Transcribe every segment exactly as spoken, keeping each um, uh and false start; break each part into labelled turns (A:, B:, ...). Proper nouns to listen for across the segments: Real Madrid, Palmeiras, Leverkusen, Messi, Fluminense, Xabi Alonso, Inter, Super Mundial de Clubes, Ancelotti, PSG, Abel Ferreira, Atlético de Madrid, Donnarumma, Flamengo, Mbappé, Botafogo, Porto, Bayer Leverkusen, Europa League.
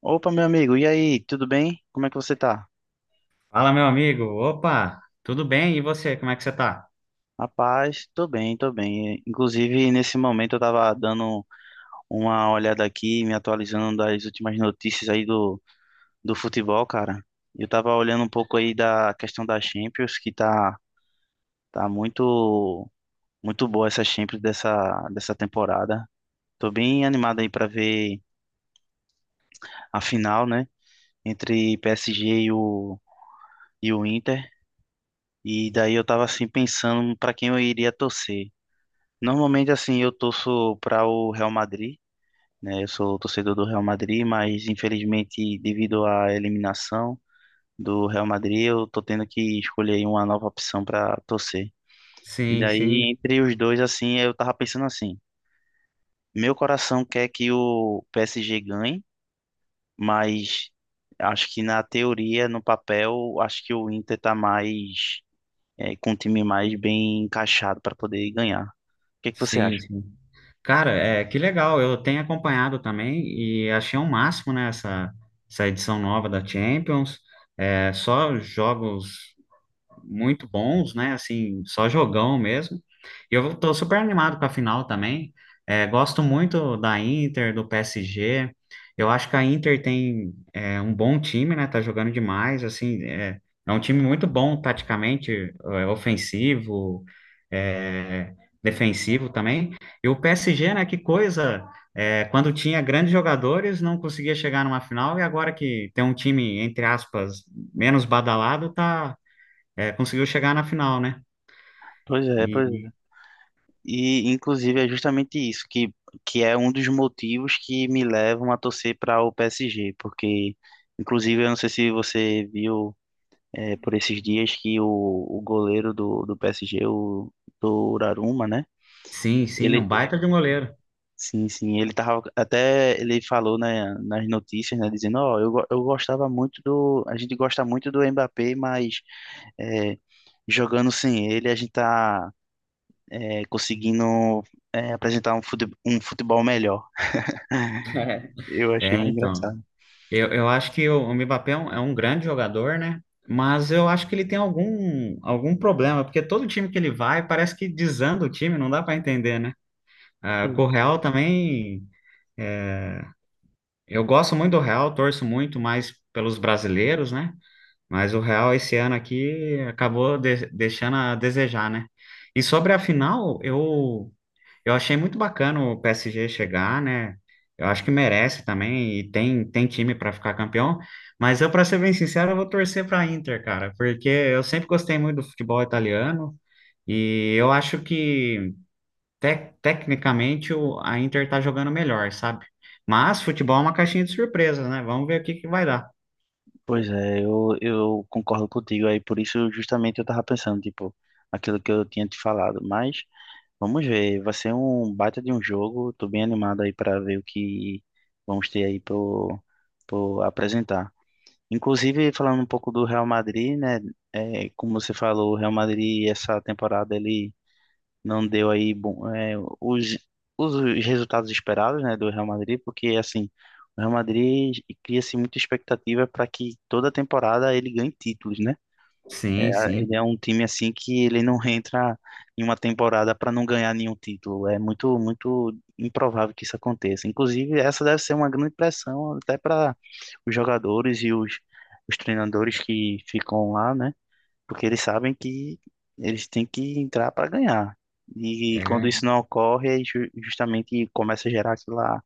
A: Opa, meu amigo, e aí, tudo bem? Como é que você tá?
B: Fala, meu amigo. Opa, tudo bem? E você, como é que você tá?
A: Rapaz, tô bem, tô bem. Inclusive, nesse momento eu tava dando uma olhada aqui, me atualizando das últimas notícias aí do, do futebol, cara. Eu tava olhando um pouco aí da questão da Champions, que tá, tá muito, muito boa essa Champions dessa, dessa temporada. Tô bem animado aí pra ver a final, né? Entre P S G e o, e o Inter. E daí eu tava assim pensando pra quem eu iria torcer. Normalmente, assim, eu torço para o Real Madrid, né? Eu sou torcedor do Real Madrid, mas infelizmente, devido à eliminação do Real Madrid, eu tô tendo que escolher aí uma nova opção para torcer. E
B: Sim, sim,
A: daí, entre os dois, assim, eu tava pensando assim: meu coração quer que o P S G ganhe, mas acho que na teoria, no papel, acho que o Inter tá mais, eh, com um time mais bem encaixado para poder ganhar. O que que você
B: sim,
A: acha?
B: sim. Cara, é, que legal. Eu tenho acompanhado também e achei um máximo, né, essa, essa edição nova da Champions. É, só jogos muito bons, né? Assim, só jogão mesmo. E eu tô super animado com a final também. É, gosto muito da Inter, do P S G. Eu acho que a Inter tem é, um bom time, né? Tá jogando demais, assim, é, é um time muito bom taticamente, é, ofensivo, é, defensivo também. E o P S G, né? Que coisa! É, quando tinha grandes jogadores, não conseguia chegar numa final, e agora que tem um time, entre aspas, menos badalado, tá, é, conseguiu chegar na final, né?
A: Pois é, pois
B: E
A: E, inclusive, é justamente isso que, que é um dos motivos que me levam a torcer para o P S G, porque, inclusive, eu não sei se você viu eh, por esses dias que o, o goleiro do, do P S G, o Donnarumma, né?
B: sim, sim, é
A: Ele,
B: um baita de um goleiro.
A: sim, sim, ele tava, até ele falou né, nas notícias, né, dizendo, ó, eu, go- eu gostava muito do, a gente gosta muito do Mbappé, mas eh, jogando sem ele, a gente tá é, conseguindo é, apresentar um fute- um futebol melhor. Eu
B: É,
A: achei bem
B: então.
A: engraçado.
B: Eu, eu acho que o, o Mbappé é um, é um grande jogador, né? Mas eu acho que ele tem algum, algum problema, porque todo time que ele vai parece que desanda o time, não dá para entender, né? Ah, com o Real também. Eu gosto muito do Real, torço muito mais pelos brasileiros, né? Mas o Real esse ano aqui acabou de- deixando a desejar, né? E sobre a final, eu Eu achei muito bacana o P S G chegar, né? Eu acho que merece também e tem, tem time para ficar campeão. Mas eu, para ser bem sincero, eu vou torcer para Inter, cara, porque eu sempre gostei muito do futebol italiano e eu acho que tec- tecnicamente o- a Inter tá jogando melhor, sabe? Mas futebol é uma caixinha de surpresas, né? Vamos ver o que que vai dar.
A: Pois é, eu, eu concordo contigo aí, por isso justamente eu tava pensando, tipo, aquilo que eu tinha te falado, mas vamos ver, vai ser um baita de um jogo, tô bem animado aí para ver o que vamos ter aí pro, pro apresentar. Inclusive, falando um pouco do Real Madrid, né, é, como você falou, o Real Madrid essa temporada ele não deu aí bom, é, os, os resultados esperados, né, do Real Madrid, porque assim, o Real Madrid cria-se muita expectativa para que toda temporada ele ganhe títulos, né?
B: Sim,
A: Ele
B: sim.
A: é um time assim que ele não entra em uma temporada para não ganhar nenhum título. É muito, muito improvável que isso aconteça. Inclusive, essa deve ser uma grande pressão até para os jogadores e os, os treinadores que ficam lá, né? Porque eles sabem que eles têm que entrar para ganhar. E quando isso
B: É.
A: não ocorre, aí ju- justamente começa a gerar aquela,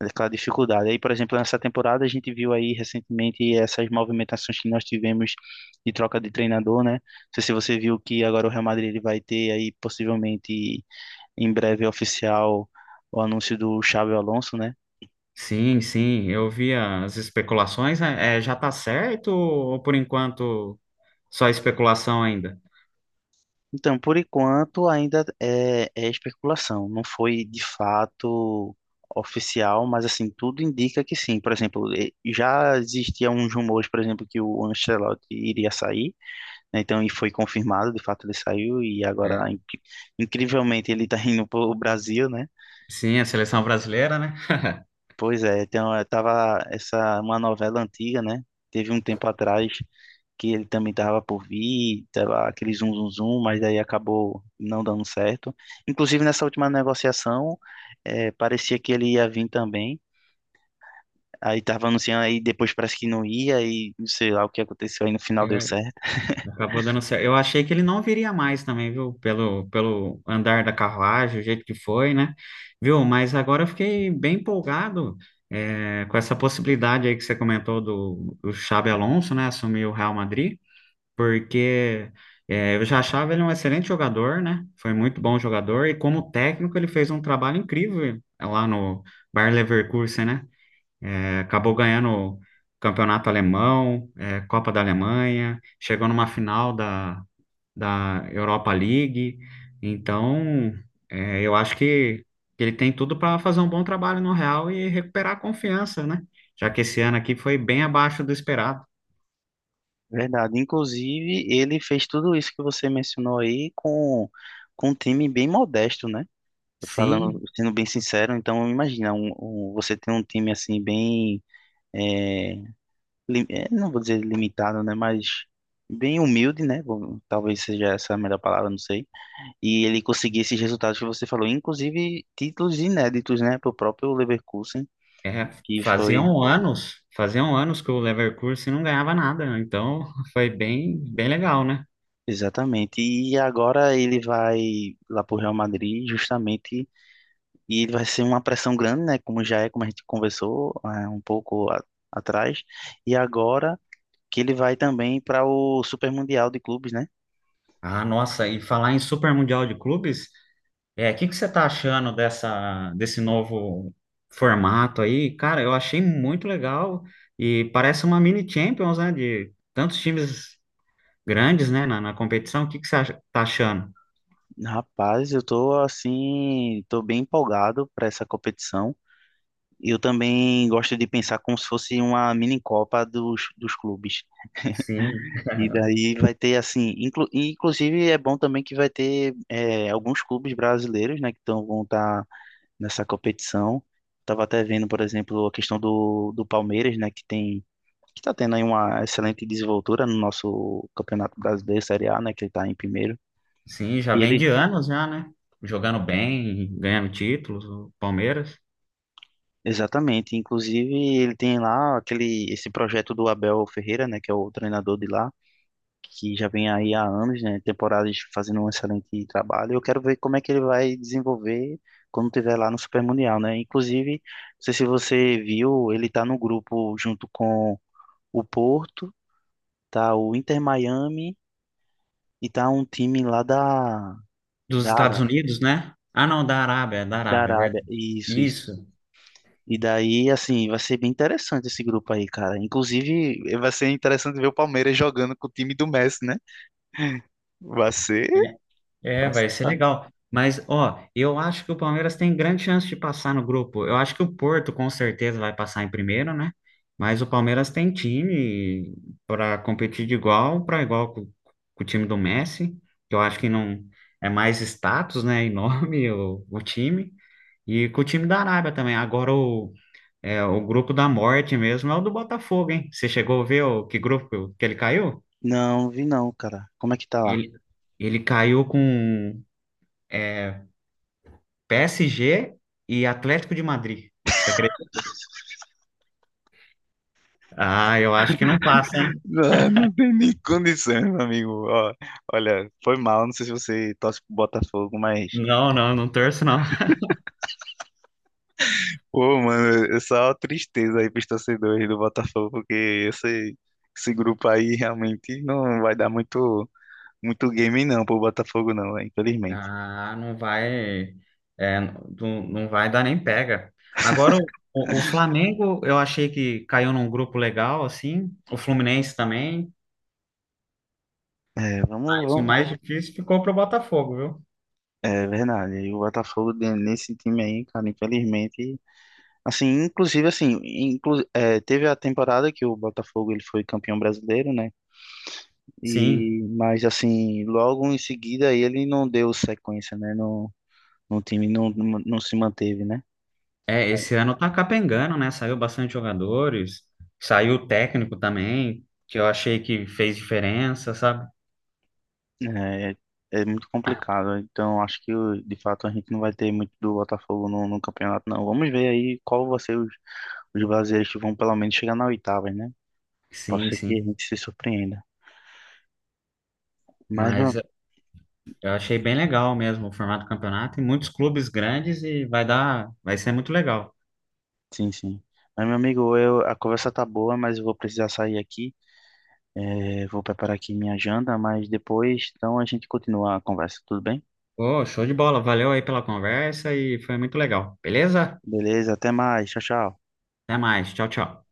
A: aquela dificuldade. Aí, por exemplo, nessa temporada a gente viu aí recentemente essas movimentações que nós tivemos de troca de treinador, né? Não sei se você viu que agora o Real Madrid ele vai ter aí possivelmente em breve oficial o anúncio do Xabi Alonso, né?
B: Sim, sim. Eu vi as especulações, né? É, já tá certo ou por enquanto só especulação ainda?
A: Então, por enquanto, ainda é, é especulação. Não foi de fato oficial, mas assim, tudo indica que sim. Por exemplo, eh, já existiam uns rumores, por exemplo, que o Ancelotti iria sair, né? Então, e foi confirmado, de fato ele saiu, e agora, inc- incrivelmente, ele está indo para o Brasil, né?
B: Sim, a seleção brasileira, né?
A: Pois é, tem, uma- tava essa uma novela antiga, né? Teve um tempo atrás que ele também tava por vir, tava aquele zum zum zum, mas aí acabou não dando certo. Inclusive nessa última negociação, eh, parecia que ele ia vir também. Aí tava anunciando aí depois parece que não ia e não sei lá o que aconteceu aí no final deu
B: É,
A: certo.
B: acabou dando certo. Eu achei que ele não viria mais também, viu? Pelo, pelo andar da carruagem, o jeito que foi, né? Viu? Mas agora eu fiquei bem empolgado, é, com essa possibilidade aí que você comentou do, do Xabi Alonso, né? Assumir o Real Madrid, porque é, eu já achava ele um excelente jogador, né? Foi muito bom jogador, e como técnico ele fez um trabalho incrível lá no Bayer Leverkusen, né? É, acabou ganhando o campeonato alemão, eh, Copa da Alemanha, chegou numa final da, da Europa League. Então, eh, eu acho que, que ele tem tudo para fazer um bom trabalho no Real e recuperar a confiança, né? Já que esse ano aqui foi bem abaixo do esperado.
A: Verdade. Inclusive ele fez tudo isso que você mencionou aí com com um time bem modesto, né? Tô falando,
B: Sim,
A: sendo bem sincero, então imagina, um, um- você tem um time assim bem, é, li- é, não vou dizer limitado, né, mas bem humilde, né, bom, talvez seja essa a melhor palavra, não sei, e ele conseguir esses resultados que você falou, inclusive títulos inéditos, né, para próprio Leverkusen,
B: é,
A: que foi
B: faziam anos, faziam anos que o Leverkusen não ganhava nada, né? Então foi bem, bem legal, né?
A: exatamente, e agora ele vai lá para o Real Madrid justamente, e ele vai ser uma pressão grande, né, como já é, como a gente conversou, é, um pouco a- atrás, e agora que ele vai também para o Super Mundial de Clubes, né?
B: Ah, nossa, e falar em Super Mundial de Clubes. É, o que que você tá achando dessa, desse novo formato aí? Cara, eu achei muito legal e parece uma mini Champions, né? De tantos times grandes, né, na, na competição. O que que você acha- tá achando?
A: Rapaz, eu tô assim, tô bem empolgado para essa competição. Eu também gosto de pensar como se fosse uma mini Copa dos, dos clubes.
B: Sim.
A: E daí vai ter assim, inclu, e inclusive é bom também que vai ter é, alguns clubes brasileiros, né, que tão, vão estar nessa competição. Tava até vendo, por exemplo, a questão do, do Palmeiras, né, que tem que está tendo aí uma excelente desenvoltura no nosso Campeonato Brasileiro Série A, né, que ele está em primeiro.
B: Sim, já
A: E
B: vem
A: ele,
B: de anos já, né? Jogando bem, ganhando títulos, o Palmeiras.
A: exatamente, inclusive ele tem lá aquele esse projeto do Abel Ferreira, né, que é o treinador de lá, que já vem aí há anos, né, temporadas fazendo um excelente trabalho. Eu quero ver como é que ele vai desenvolver quando tiver lá no Super Mundial, né? Inclusive, não sei se você viu, ele tá no grupo junto com o Porto, tá o Inter Miami e tá um time lá da
B: Dos
A: da,
B: Estados
A: Ara-
B: Unidos, né? Ah, não, da Arábia, da
A: da
B: Arábia, é
A: Arábia.
B: verdade.
A: Isso, isso.
B: Isso.
A: E daí, assim, vai ser bem interessante esse grupo aí, cara. Inclusive, vai ser interessante ver o Palmeiras jogando com o time do Messi, né? Vai ser.
B: É. É,
A: vai ser-
B: vai ser
A: tá.
B: legal. Mas, ó, eu acho que o Palmeiras tem grande chance de passar no grupo. Eu acho que o Porto com certeza vai passar em primeiro, né? Mas o Palmeiras tem time para competir de igual para igual com, com o time do Messi, que eu acho que não é mais status, né? E nome o, o time. E com o time da Arábia também. Agora o, é, o grupo da morte mesmo é o do Botafogo, hein? Você chegou a ver o, que grupo que ele caiu?
A: Não, vi não, cara. Como é que tá lá?
B: Ele, ele caiu com. É, P S G e Atlético de Madrid. Você acredita? Ah, eu acho que não passa, hein?
A: Não, não tem nem condição, meu amigo. Ó, olha, foi mal. Não sei se você torce pro Botafogo, mas.
B: Não, não, não torço, não.
A: Pô, mano, é só tristeza aí pros torcedores do Botafogo, porque esse, esse grupo aí realmente não vai dar muito, muito game, não, pro Botafogo, não, né? Infelizmente.
B: Ah, não vai, é, não, não vai dar nem pega. Agora, o, o o Flamengo, eu achei que caiu num grupo legal, assim. O Fluminense também.
A: É, vamos,
B: Mas o
A: vamos.
B: mais difícil ficou pro Botafogo, viu?
A: É verdade. E o Botafogo de- nesse time aí, cara, infelizmente, assim, inclusive assim, inclu é, teve a temporada que o Botafogo ele foi campeão brasileiro, né?
B: Sim.
A: E mas assim, logo em seguida aí ele não deu sequência, né? No, no time não, não, não se manteve, né?
B: É, esse ano tá capengando, né? Saiu bastante jogadores. Saiu o técnico também, que eu achei que fez diferença, sabe?
A: É, é é muito complicado. Então acho que de fato a gente não vai ter muito do Botafogo no, no campeonato, não. Vamos ver aí qual vai ser os, os brasileiros que vão pelo menos chegar na oitava, né? Pode
B: Sim,
A: ser que
B: sim.
A: a gente se surpreenda. Mas, meu
B: Mas eu achei bem legal mesmo o formato do campeonato e muitos clubes grandes e vai dar, vai ser muito legal.
A: Sim, sim. Mas, meu amigo, eu, a conversa tá boa, mas eu vou precisar sair aqui. É, vou preparar aqui minha janta, mas depois, então, a gente continua a conversa, tudo bem?
B: Ô, show de bola. Valeu aí pela conversa e foi muito legal. Beleza?
A: Beleza, até mais. Tchau, tchau.
B: Até mais. Tchau, tchau.